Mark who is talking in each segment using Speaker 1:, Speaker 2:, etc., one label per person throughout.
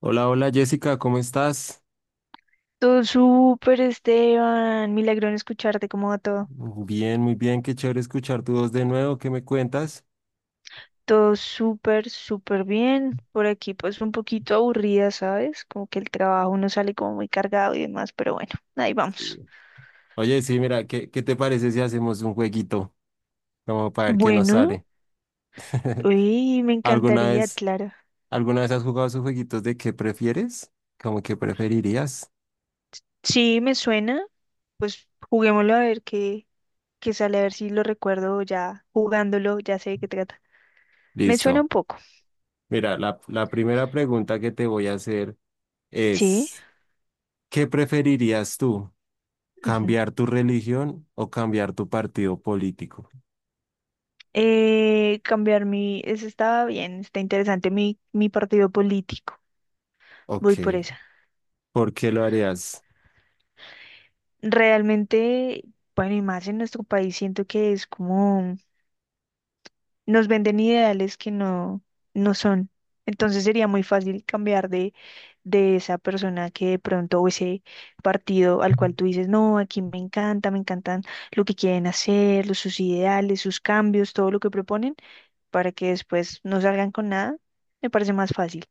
Speaker 1: Hola, hola Jessica, ¿cómo estás?
Speaker 2: Todo súper, Esteban. Milagro en escucharte, ¿cómo va todo?
Speaker 1: Bien, muy bien, qué chévere escuchar tu voz de nuevo, ¿qué me cuentas?
Speaker 2: Todo súper, súper bien. Por aquí, pues un poquito aburrida, ¿sabes? Como que el trabajo uno sale como muy cargado y demás, pero bueno, ahí vamos.
Speaker 1: Sí. Oye, sí, mira, ¿qué te parece si hacemos un jueguito? Como para ver qué nos
Speaker 2: Bueno,
Speaker 1: sale.
Speaker 2: uy, me
Speaker 1: ¿Alguna
Speaker 2: encantaría,
Speaker 1: vez,
Speaker 2: claro.
Speaker 1: alguna vez has jugado esos jueguitos de qué prefieres? ¿Cómo que preferirías?
Speaker 2: Sí, me suena. Pues juguémoslo a ver qué, qué sale, a ver si lo recuerdo ya jugándolo, ya sé de qué trata. Me suena
Speaker 1: Listo.
Speaker 2: un poco,
Speaker 1: Mira, la primera pregunta que te voy a hacer
Speaker 2: sí.
Speaker 1: es, ¿qué preferirías tú?
Speaker 2: Ujú.
Speaker 1: ¿Cambiar tu religión o cambiar tu partido político?
Speaker 2: Cambiar mi, eso estaba bien, está interesante, mi partido político. Voy
Speaker 1: Ok,
Speaker 2: por esa.
Speaker 1: ¿por qué lo harías?
Speaker 2: Realmente, bueno, y más en nuestro país, siento que es como nos venden ideales que no, no son. Entonces sería muy fácil cambiar de esa persona que de pronto, o ese partido al cual tú dices, no, aquí me encanta, me encantan lo que quieren hacer, sus ideales, sus cambios, todo lo que proponen, para que después no salgan con nada, me parece más fácil.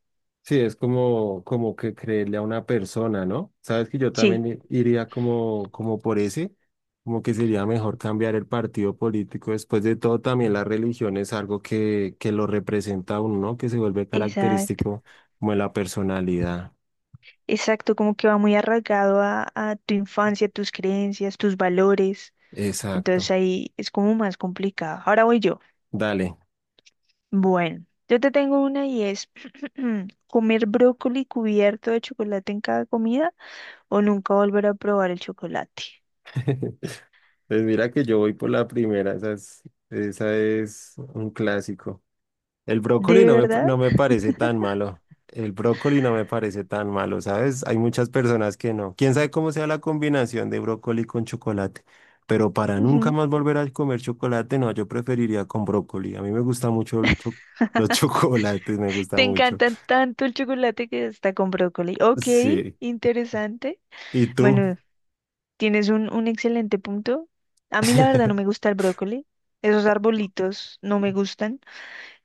Speaker 1: Sí, es como, como que creerle a una persona, ¿no? Sabes que yo
Speaker 2: Sí,
Speaker 1: también iría como, como por ese, como que sería mejor cambiar el partido político. Después de todo, también la religión es algo que lo representa a uno, ¿no? Que se vuelve
Speaker 2: exacto.
Speaker 1: característico como de la personalidad.
Speaker 2: Exacto, como que va muy arraigado a tu infancia, tus creencias, tus valores. Entonces
Speaker 1: Exacto.
Speaker 2: ahí es como más complicado. Ahora voy yo.
Speaker 1: Dale.
Speaker 2: Bueno, yo te tengo una y es comer brócoli cubierto de chocolate en cada comida o nunca volver a probar el chocolate.
Speaker 1: Pues mira que yo voy por la primera, esa es un clásico. El brócoli
Speaker 2: ¿De
Speaker 1: no me,
Speaker 2: verdad?
Speaker 1: no me parece tan malo. El brócoli no me parece tan malo, ¿sabes? Hay muchas personas que no. Quién sabe cómo sea la combinación de brócoli con chocolate. Pero para nunca
Speaker 2: Ujú.
Speaker 1: más volver a comer chocolate, no, yo preferiría con brócoli. A mí me gusta mucho el los chocolates, me gusta
Speaker 2: Te
Speaker 1: mucho.
Speaker 2: encanta tanto el chocolate que está con brócoli. Ok,
Speaker 1: Sí.
Speaker 2: interesante.
Speaker 1: ¿Y tú?
Speaker 2: Bueno, tienes un excelente punto. A mí la verdad no me gusta el brócoli. Esos arbolitos no me gustan.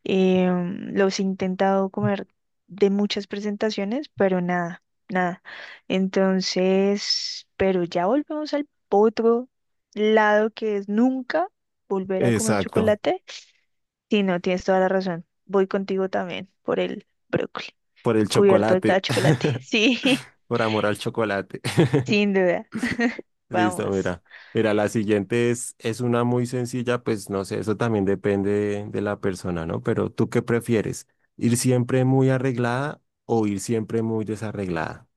Speaker 2: Los he intentado comer de muchas presentaciones, pero nada, nada. Entonces, pero ya volvemos al otro lado que es nunca volver a comer
Speaker 1: Exacto.
Speaker 2: chocolate. Sí, no, tienes toda la razón. Voy contigo también por el brócoli,
Speaker 1: Por el
Speaker 2: cubierto de cada
Speaker 1: chocolate.
Speaker 2: chocolate. Sí,
Speaker 1: Por amor al chocolate.
Speaker 2: sin duda.
Speaker 1: Listo,
Speaker 2: Vamos.
Speaker 1: mira. Mira, la siguiente es una muy sencilla, pues no sé, eso también depende de, la persona, ¿no? Pero ¿tú qué prefieres? ¿Ir siempre muy arreglada o ir siempre muy desarreglada?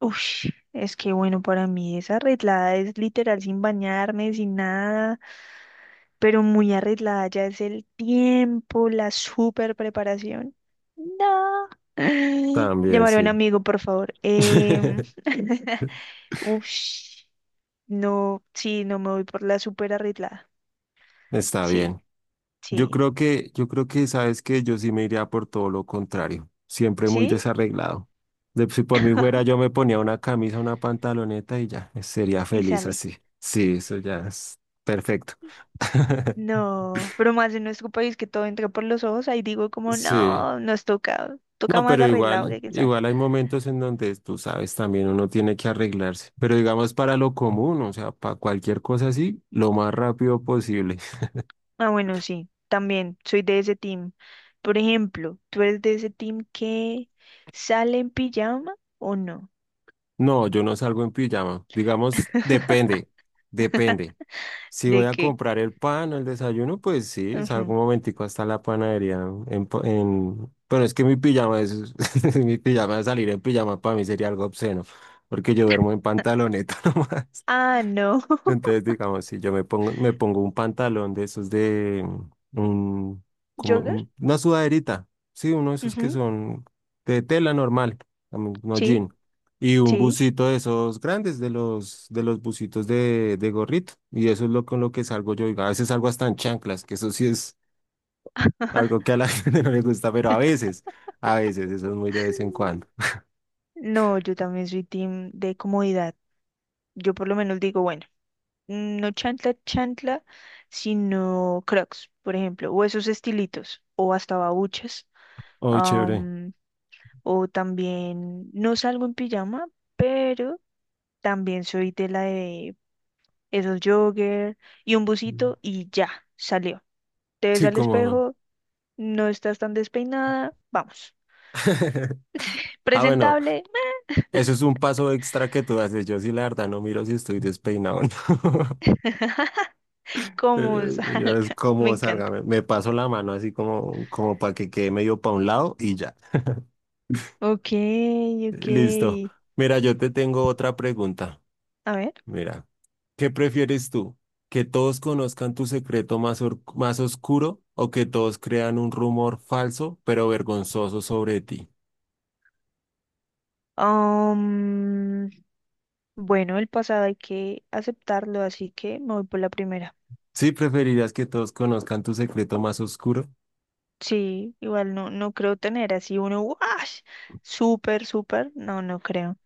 Speaker 2: Ush, es que bueno, para mí esa arreglada es literal sin bañarme, sin nada, pero muy arreglada ya es el tiempo, la super preparación. No.
Speaker 1: También,
Speaker 2: Llamaré a un
Speaker 1: sí.
Speaker 2: amigo, por favor. Ush, no, sí, no me voy por la super arreglada.
Speaker 1: Está
Speaker 2: Sí,
Speaker 1: bien.
Speaker 2: sí,
Speaker 1: Yo creo que, sabes que yo sí me iría por todo lo contrario, siempre muy
Speaker 2: sí,
Speaker 1: desarreglado. De, si por mí fuera, yo me ponía una camisa, una pantaloneta y ya, sería
Speaker 2: y
Speaker 1: feliz
Speaker 2: sale.
Speaker 1: así. Sí, eso ya es perfecto.
Speaker 2: No, pero más en nuestro país que todo entra por los ojos, ahí digo como,
Speaker 1: Sí.
Speaker 2: no, nos toca, toca
Speaker 1: No,
Speaker 2: más
Speaker 1: pero
Speaker 2: arreglado
Speaker 1: igual,
Speaker 2: que quién sabe.
Speaker 1: igual hay momentos en donde tú sabes también uno tiene que arreglarse, pero digamos para lo común, o sea, para cualquier cosa así, lo más rápido posible.
Speaker 2: Ah, bueno, sí, también soy de ese team. Por ejemplo, ¿tú eres de ese team que sale en pijama o no?
Speaker 1: No, yo no salgo en pijama, digamos, depende, depende. Si voy
Speaker 2: ¿De
Speaker 1: a
Speaker 2: qué?
Speaker 1: comprar el pan o el desayuno, pues sí, salgo
Speaker 2: Ujú.
Speaker 1: un momentico hasta la panadería en, en... Pero es que mi pijama es, mi pijama salir en pijama para mí sería algo obsceno, porque yo duermo en pantaloneta nomás.
Speaker 2: Ah, no.
Speaker 1: Entonces, digamos, si yo me pongo un pantalón de esos de un, como
Speaker 2: ¿Jogger?
Speaker 1: una sudaderita, sí, uno de esos que
Speaker 2: Ujú,
Speaker 1: son de tela normal, no
Speaker 2: sí,
Speaker 1: jean, y un
Speaker 2: sí.
Speaker 1: busito de esos grandes, de de los busitos de gorrito, y eso es lo con lo que salgo yo, y a veces salgo hasta en chanclas, que eso sí es algo que
Speaker 2: Ajá.
Speaker 1: a la gente no le gusta, pero a veces, eso es muy de vez en cuando.
Speaker 2: No, yo también soy team de comodidad. Yo por lo menos digo, bueno, no chantla, chantla, sino Crocs, por ejemplo, o esos estilitos, o hasta babuchas.
Speaker 1: Oh, chévere.
Speaker 2: O también no salgo en pijama, pero también soy de la de esos jogger y un busito y ya, salió. Te ves
Speaker 1: Sí,
Speaker 2: al
Speaker 1: como...
Speaker 2: espejo, no estás tan despeinada, vamos.
Speaker 1: Ah, bueno.
Speaker 2: Presentable,
Speaker 1: Eso es un paso extra que tú haces. Yo sí, la verdad, no miro si estoy despeinado o no.
Speaker 2: como
Speaker 1: Yo es
Speaker 2: salga, me
Speaker 1: como salga,
Speaker 2: encanta.
Speaker 1: me paso la mano así como, como para que quede medio para un lado y ya.
Speaker 2: Ok, ok.
Speaker 1: Listo. Mira, yo te tengo otra pregunta.
Speaker 2: A ver.
Speaker 1: Mira, ¿qué prefieres tú? ¿Que todos conozcan tu secreto más oscuro o que todos crean un rumor falso pero vergonzoso sobre ti?
Speaker 2: am, bueno, el pasado hay que aceptarlo, así que me voy por la primera.
Speaker 1: ¿Sí preferirías que todos conozcan tu secreto más oscuro?
Speaker 2: Sí, igual no, no creo tener así uno, ¡wash! Súper, súper, no, no creo.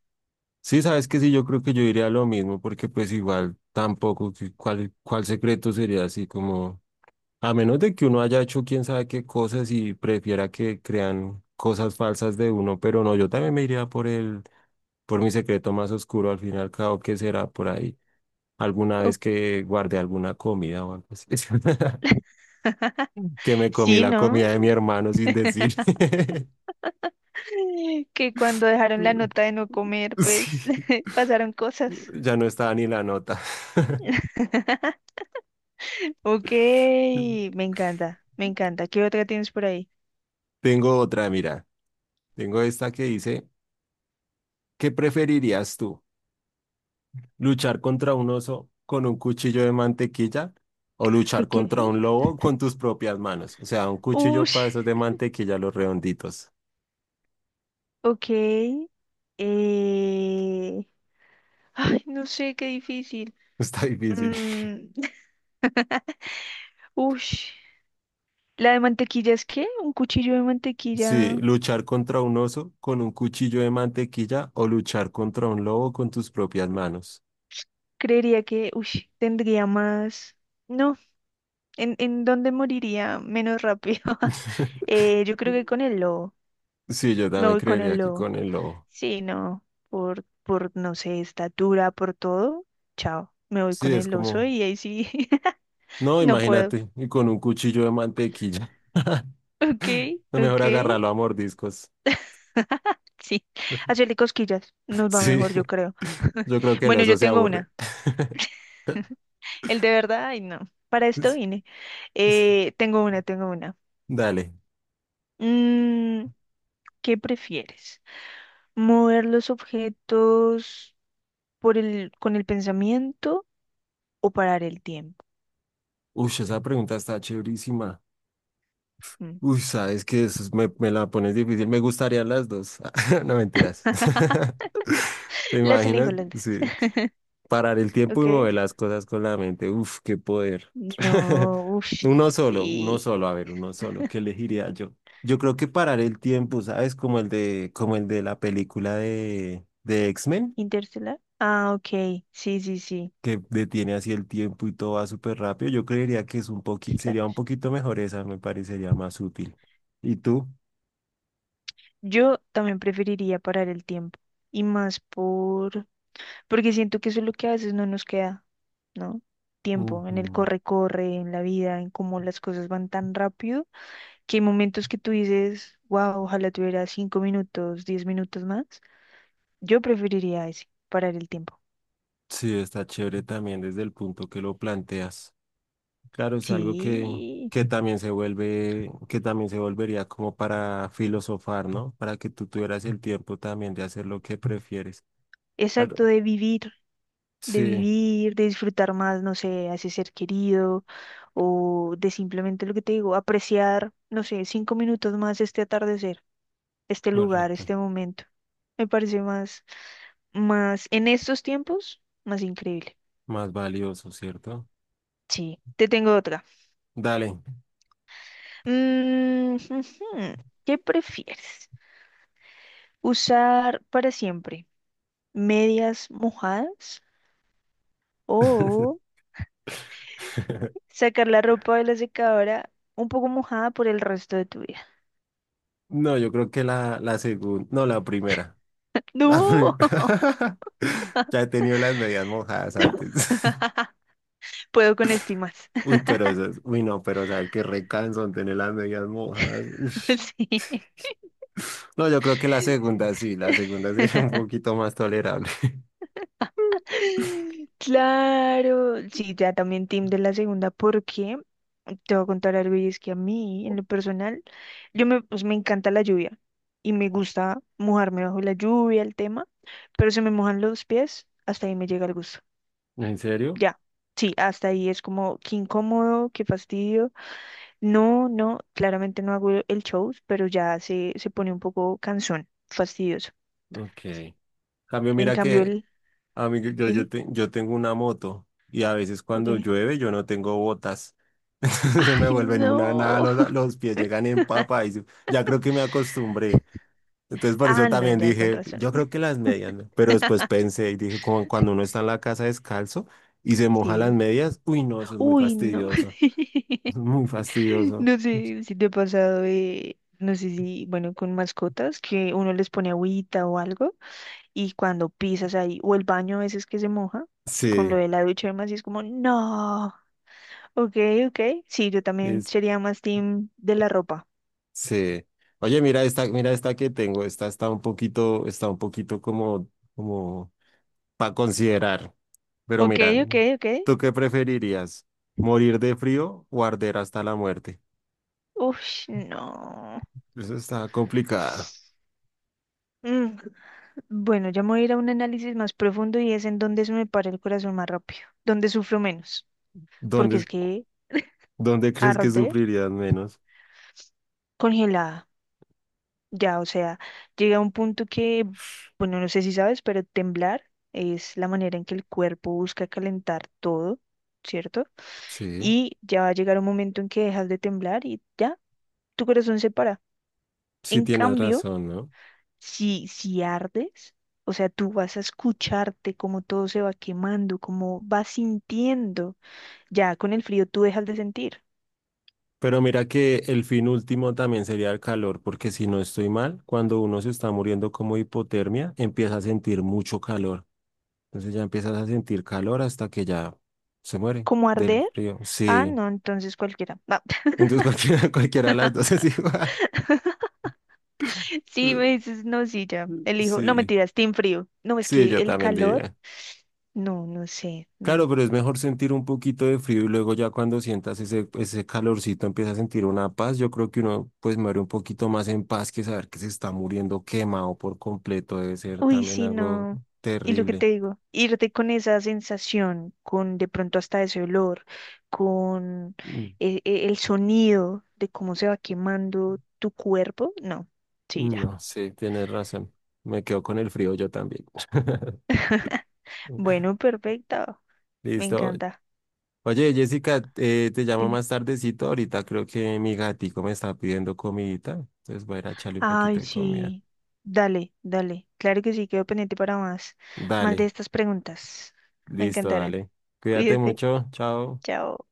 Speaker 1: Sí, sabes que sí, yo creo que yo diría lo mismo, porque pues igual tampoco, que ¿cuál secreto sería así como, a menos de que uno haya hecho quién sabe qué cosas y prefiera que crean cosas falsas de uno, pero no, yo también me iría por el, por mi secreto más oscuro, al fin y al cabo, que será por ahí, alguna
Speaker 2: Up.
Speaker 1: vez que guardé alguna comida o algo así, que me comí
Speaker 2: Sí,
Speaker 1: la
Speaker 2: ¿no?
Speaker 1: comida de mi hermano sin decir.
Speaker 2: Que cuando dejaron la nota de no comer,
Speaker 1: Sí,
Speaker 2: pues pasaron cosas.
Speaker 1: ya no estaba ni la nota.
Speaker 2: Ok, me encanta, me encanta. ¿Qué otra tienes por ahí?
Speaker 1: Tengo otra, mira. Tengo esta que dice, ¿qué preferirías tú? ¿Luchar contra un oso con un cuchillo de mantequilla o luchar
Speaker 2: Ok,
Speaker 1: contra un lobo con tus propias manos? O sea, un cuchillo
Speaker 2: uy,
Speaker 1: para esos de mantequilla, los redonditos.
Speaker 2: ok. eh, ay, no sé, qué difícil.
Speaker 1: Está difícil.
Speaker 2: Mm, ush. La de mantequilla es que un cuchillo de
Speaker 1: Sí,
Speaker 2: mantequilla
Speaker 1: luchar contra un oso con un cuchillo de mantequilla o luchar contra un lobo con tus propias manos.
Speaker 2: creería que, uy, tendría más. No, en dónde moriría menos rápido? Yo creo que con el lobo.
Speaker 1: Sí, yo
Speaker 2: Me
Speaker 1: también
Speaker 2: voy con
Speaker 1: creería
Speaker 2: el
Speaker 1: que
Speaker 2: lobo.
Speaker 1: con el lobo.
Speaker 2: Sí, no, por, no sé, estatura, por todo. Chao, me voy
Speaker 1: Sí,
Speaker 2: con
Speaker 1: es
Speaker 2: el oso
Speaker 1: como,
Speaker 2: y ahí sí,
Speaker 1: no,
Speaker 2: no puedo.
Speaker 1: imagínate, y con un cuchillo de mantequilla.
Speaker 2: Ok,
Speaker 1: Mejor
Speaker 2: ok.
Speaker 1: agárralo a mordiscos.
Speaker 2: Sí, hacerle cosquillas nos va
Speaker 1: Sí,
Speaker 2: mejor, yo creo.
Speaker 1: yo creo que el
Speaker 2: Bueno,
Speaker 1: oso
Speaker 2: yo
Speaker 1: se
Speaker 2: tengo
Speaker 1: aburre.
Speaker 2: una. El de verdad, ay no, para esto vine.
Speaker 1: Sí.
Speaker 2: Tengo una.
Speaker 1: Dale.
Speaker 2: Mm, ¿Qué prefieres? ¿Mover los objetos por el, con el pensamiento o parar el tiempo?
Speaker 1: Uy, esa pregunta está chéverísima.
Speaker 2: Mm.
Speaker 1: Uy, sabes que eso me la pones difícil. Me gustarían las dos. No mentiras. ¿Te
Speaker 2: Las elijo
Speaker 1: imaginas?
Speaker 2: las dos.
Speaker 1: Sí. Parar el tiempo
Speaker 2: Ok.
Speaker 1: y mover las cosas con la mente. Uf, qué poder.
Speaker 2: No, uff,
Speaker 1: Uno
Speaker 2: sí.
Speaker 1: solo, a ver, uno solo. ¿Qué elegiría yo? Yo creo que parar el tiempo, ¿sabes? Como el de la película de X-Men,
Speaker 2: ¿Interstellar? Ah, ok. Sí, sí, sí.
Speaker 1: que detiene así el tiempo y todo va súper rápido. Yo creería que es un poqui, sería un
Speaker 2: Flash.
Speaker 1: poquito mejor esa, me parecería más útil. ¿Y tú?
Speaker 2: Yo también preferiría parar el tiempo. Y más por... Porque siento que eso es lo que a veces no nos queda. ¿No? Tiempo, en el
Speaker 1: Ujú.
Speaker 2: corre-corre, en la vida, en cómo las cosas van tan rápido, que hay momentos que tú dices, wow, ojalá tuviera 5 minutos, 10 minutos más. Yo preferiría ese, parar el tiempo.
Speaker 1: Sí, está chévere también desde el punto que lo planteas. Claro, es algo
Speaker 2: Sí,
Speaker 1: que también se vuelve, que también se volvería como para filosofar, ¿no? Para que tú tuvieras el tiempo también de hacer lo que prefieres.
Speaker 2: exacto,
Speaker 1: Algo-
Speaker 2: de vivir, de
Speaker 1: Sí,
Speaker 2: vivir, de disfrutar más, no sé, a ese ser querido, o de simplemente lo que te digo, apreciar, no sé, cinco minutos más este atardecer, este lugar,
Speaker 1: correcto.
Speaker 2: este momento. Me parece más, más en estos tiempos, más increíble.
Speaker 1: Más valioso, ¿cierto?
Speaker 2: Sí, te tengo otra.
Speaker 1: Dale.
Speaker 2: Mm, ujú. ¿Qué prefieres? ¿Usar para siempre medias mojadas o sacar la ropa de la secadora un poco mojada por el resto de tu vida?
Speaker 1: No, yo creo que la segunda, no, la primera. La
Speaker 2: No,
Speaker 1: primera. Ya he tenido las medias mojadas antes.
Speaker 2: puedo con esto y más.
Speaker 1: Uy, pero esas, uy, no, pero sabes qué recanso tener las medias mojadas. Uy.
Speaker 2: Sí.
Speaker 1: No, yo creo que la segunda sí es un poquito más tolerable.
Speaker 2: Claro, sí, ya también team de la segunda, porque te voy a contar algo y es que a mí, en lo personal, yo me, pues, me encanta la lluvia y me gusta mojarme bajo la lluvia, el tema, pero se me mojan los pies, hasta ahí me llega el gusto.
Speaker 1: ¿En serio?
Speaker 2: Ya, sí, hasta ahí es como qué incómodo, qué fastidio. No, no, claramente no hago el show, pero ya se pone un poco cansón, fastidioso.
Speaker 1: Ok. Cambio,
Speaker 2: En
Speaker 1: mira
Speaker 2: cambio,
Speaker 1: que
Speaker 2: el,
Speaker 1: a mí,
Speaker 2: dime,
Speaker 1: yo tengo una moto y a veces cuando
Speaker 2: ok.
Speaker 1: llueve yo no tengo botas. Se
Speaker 2: Ay,
Speaker 1: me vuelven una nada,
Speaker 2: no.
Speaker 1: los pies llegan en papa y ya creo que me acostumbré. Entonces por
Speaker 2: Ah,
Speaker 1: eso
Speaker 2: no,
Speaker 1: también
Speaker 2: ya con
Speaker 1: dije,
Speaker 2: razón.
Speaker 1: yo creo que las medias, ¿no? Pero después pensé y dije, como cuando uno está en la casa descalzo y se moja las
Speaker 2: Sí.
Speaker 1: medias, uy, no, eso es muy
Speaker 2: Uy, no.
Speaker 1: fastidioso. Eso es muy fastidioso.
Speaker 2: No sé si te ha pasado, no sé si, bueno, con mascotas, que uno les pone agüita o algo, y cuando pisas ahí, o el baño a veces que se moja, con lo
Speaker 1: Sí.
Speaker 2: de la ducha y demás, y es como, no. Ok, ok. Sí, yo también sería más team de la ropa.
Speaker 1: Sí. Oye, mira esta que tengo. Esta está un poquito como, como para considerar. Pero
Speaker 2: Ok,
Speaker 1: mira,
Speaker 2: ok, ok.
Speaker 1: ¿tú qué preferirías? ¿Morir de frío o arder hasta la muerte?
Speaker 2: Uf, no.
Speaker 1: Eso está complicada.
Speaker 2: Mm, bueno, ya me voy a ir a un análisis más profundo y es en dónde se me para el corazón más rápido, dónde sufro menos, porque
Speaker 1: ¿Dónde,
Speaker 2: es que
Speaker 1: dónde crees que
Speaker 2: arder
Speaker 1: sufrirías menos?
Speaker 2: congelada, ya, o sea, llega a un punto que, bueno, no sé si sabes, pero temblar es la manera en que el cuerpo busca calentar todo, ¿cierto?
Speaker 1: Sí,
Speaker 2: Y ya va a llegar un momento en que dejas de temblar y ya, tu corazón se para.
Speaker 1: sí
Speaker 2: En
Speaker 1: tienes
Speaker 2: cambio,
Speaker 1: razón, ¿no?
Speaker 2: si, si ardes, o sea, tú vas a escucharte cómo todo se va quemando, cómo vas sintiendo. Ya con el frío tú dejas de sentir.
Speaker 1: Pero mira que el fin último también sería el calor, porque si no estoy mal, cuando uno se está muriendo como hipotermia, empieza a sentir mucho calor. Entonces ya empiezas a sentir calor hasta que ya se muere
Speaker 2: ¿Cómo
Speaker 1: del
Speaker 2: arder?
Speaker 1: frío.
Speaker 2: Ah,
Speaker 1: Sí.
Speaker 2: no, entonces cualquiera. No.
Speaker 1: Entonces cualquiera, cualquiera de las dos es igual.
Speaker 2: Sí, me dices, no, sí, ya. Elijo. No,
Speaker 1: Sí,
Speaker 2: mentiras, team frío. No, es
Speaker 1: sí,
Speaker 2: que
Speaker 1: yo
Speaker 2: el
Speaker 1: también
Speaker 2: calor.
Speaker 1: diría.
Speaker 2: No, no sé, no.
Speaker 1: Claro, pero es mejor sentir un poquito de frío y luego ya cuando sientas ese calorcito empiezas a sentir una paz. Yo creo que uno pues muere un poquito más en paz que saber que se está muriendo quemado por completo. Debe ser
Speaker 2: Uy,
Speaker 1: también
Speaker 2: sí,
Speaker 1: algo
Speaker 2: no. Y lo que
Speaker 1: terrible.
Speaker 2: te digo, irte con esa sensación, con de pronto hasta ese olor, con
Speaker 1: Mm,
Speaker 2: el, sonido de cómo se va quemando tu cuerpo, no. Sí, ya.
Speaker 1: No, sí, tienes razón. Me quedo con el frío yo también.
Speaker 2: Bueno, perfecto. Me
Speaker 1: Listo.
Speaker 2: encanta.
Speaker 1: Oye, Jessica, te llamo
Speaker 2: Dime.
Speaker 1: más tardecito. Ahorita creo que mi gatico me está pidiendo comidita. Entonces voy a ir a echarle un poquito
Speaker 2: Ay,
Speaker 1: de comida.
Speaker 2: sí. Dale, dale. Claro que sí, quedo pendiente para más, más de
Speaker 1: Dale,
Speaker 2: estas preguntas. Me
Speaker 1: listo,
Speaker 2: encantaron.
Speaker 1: dale. Cuídate
Speaker 2: Cuídate.
Speaker 1: mucho. Chao.
Speaker 2: Chao.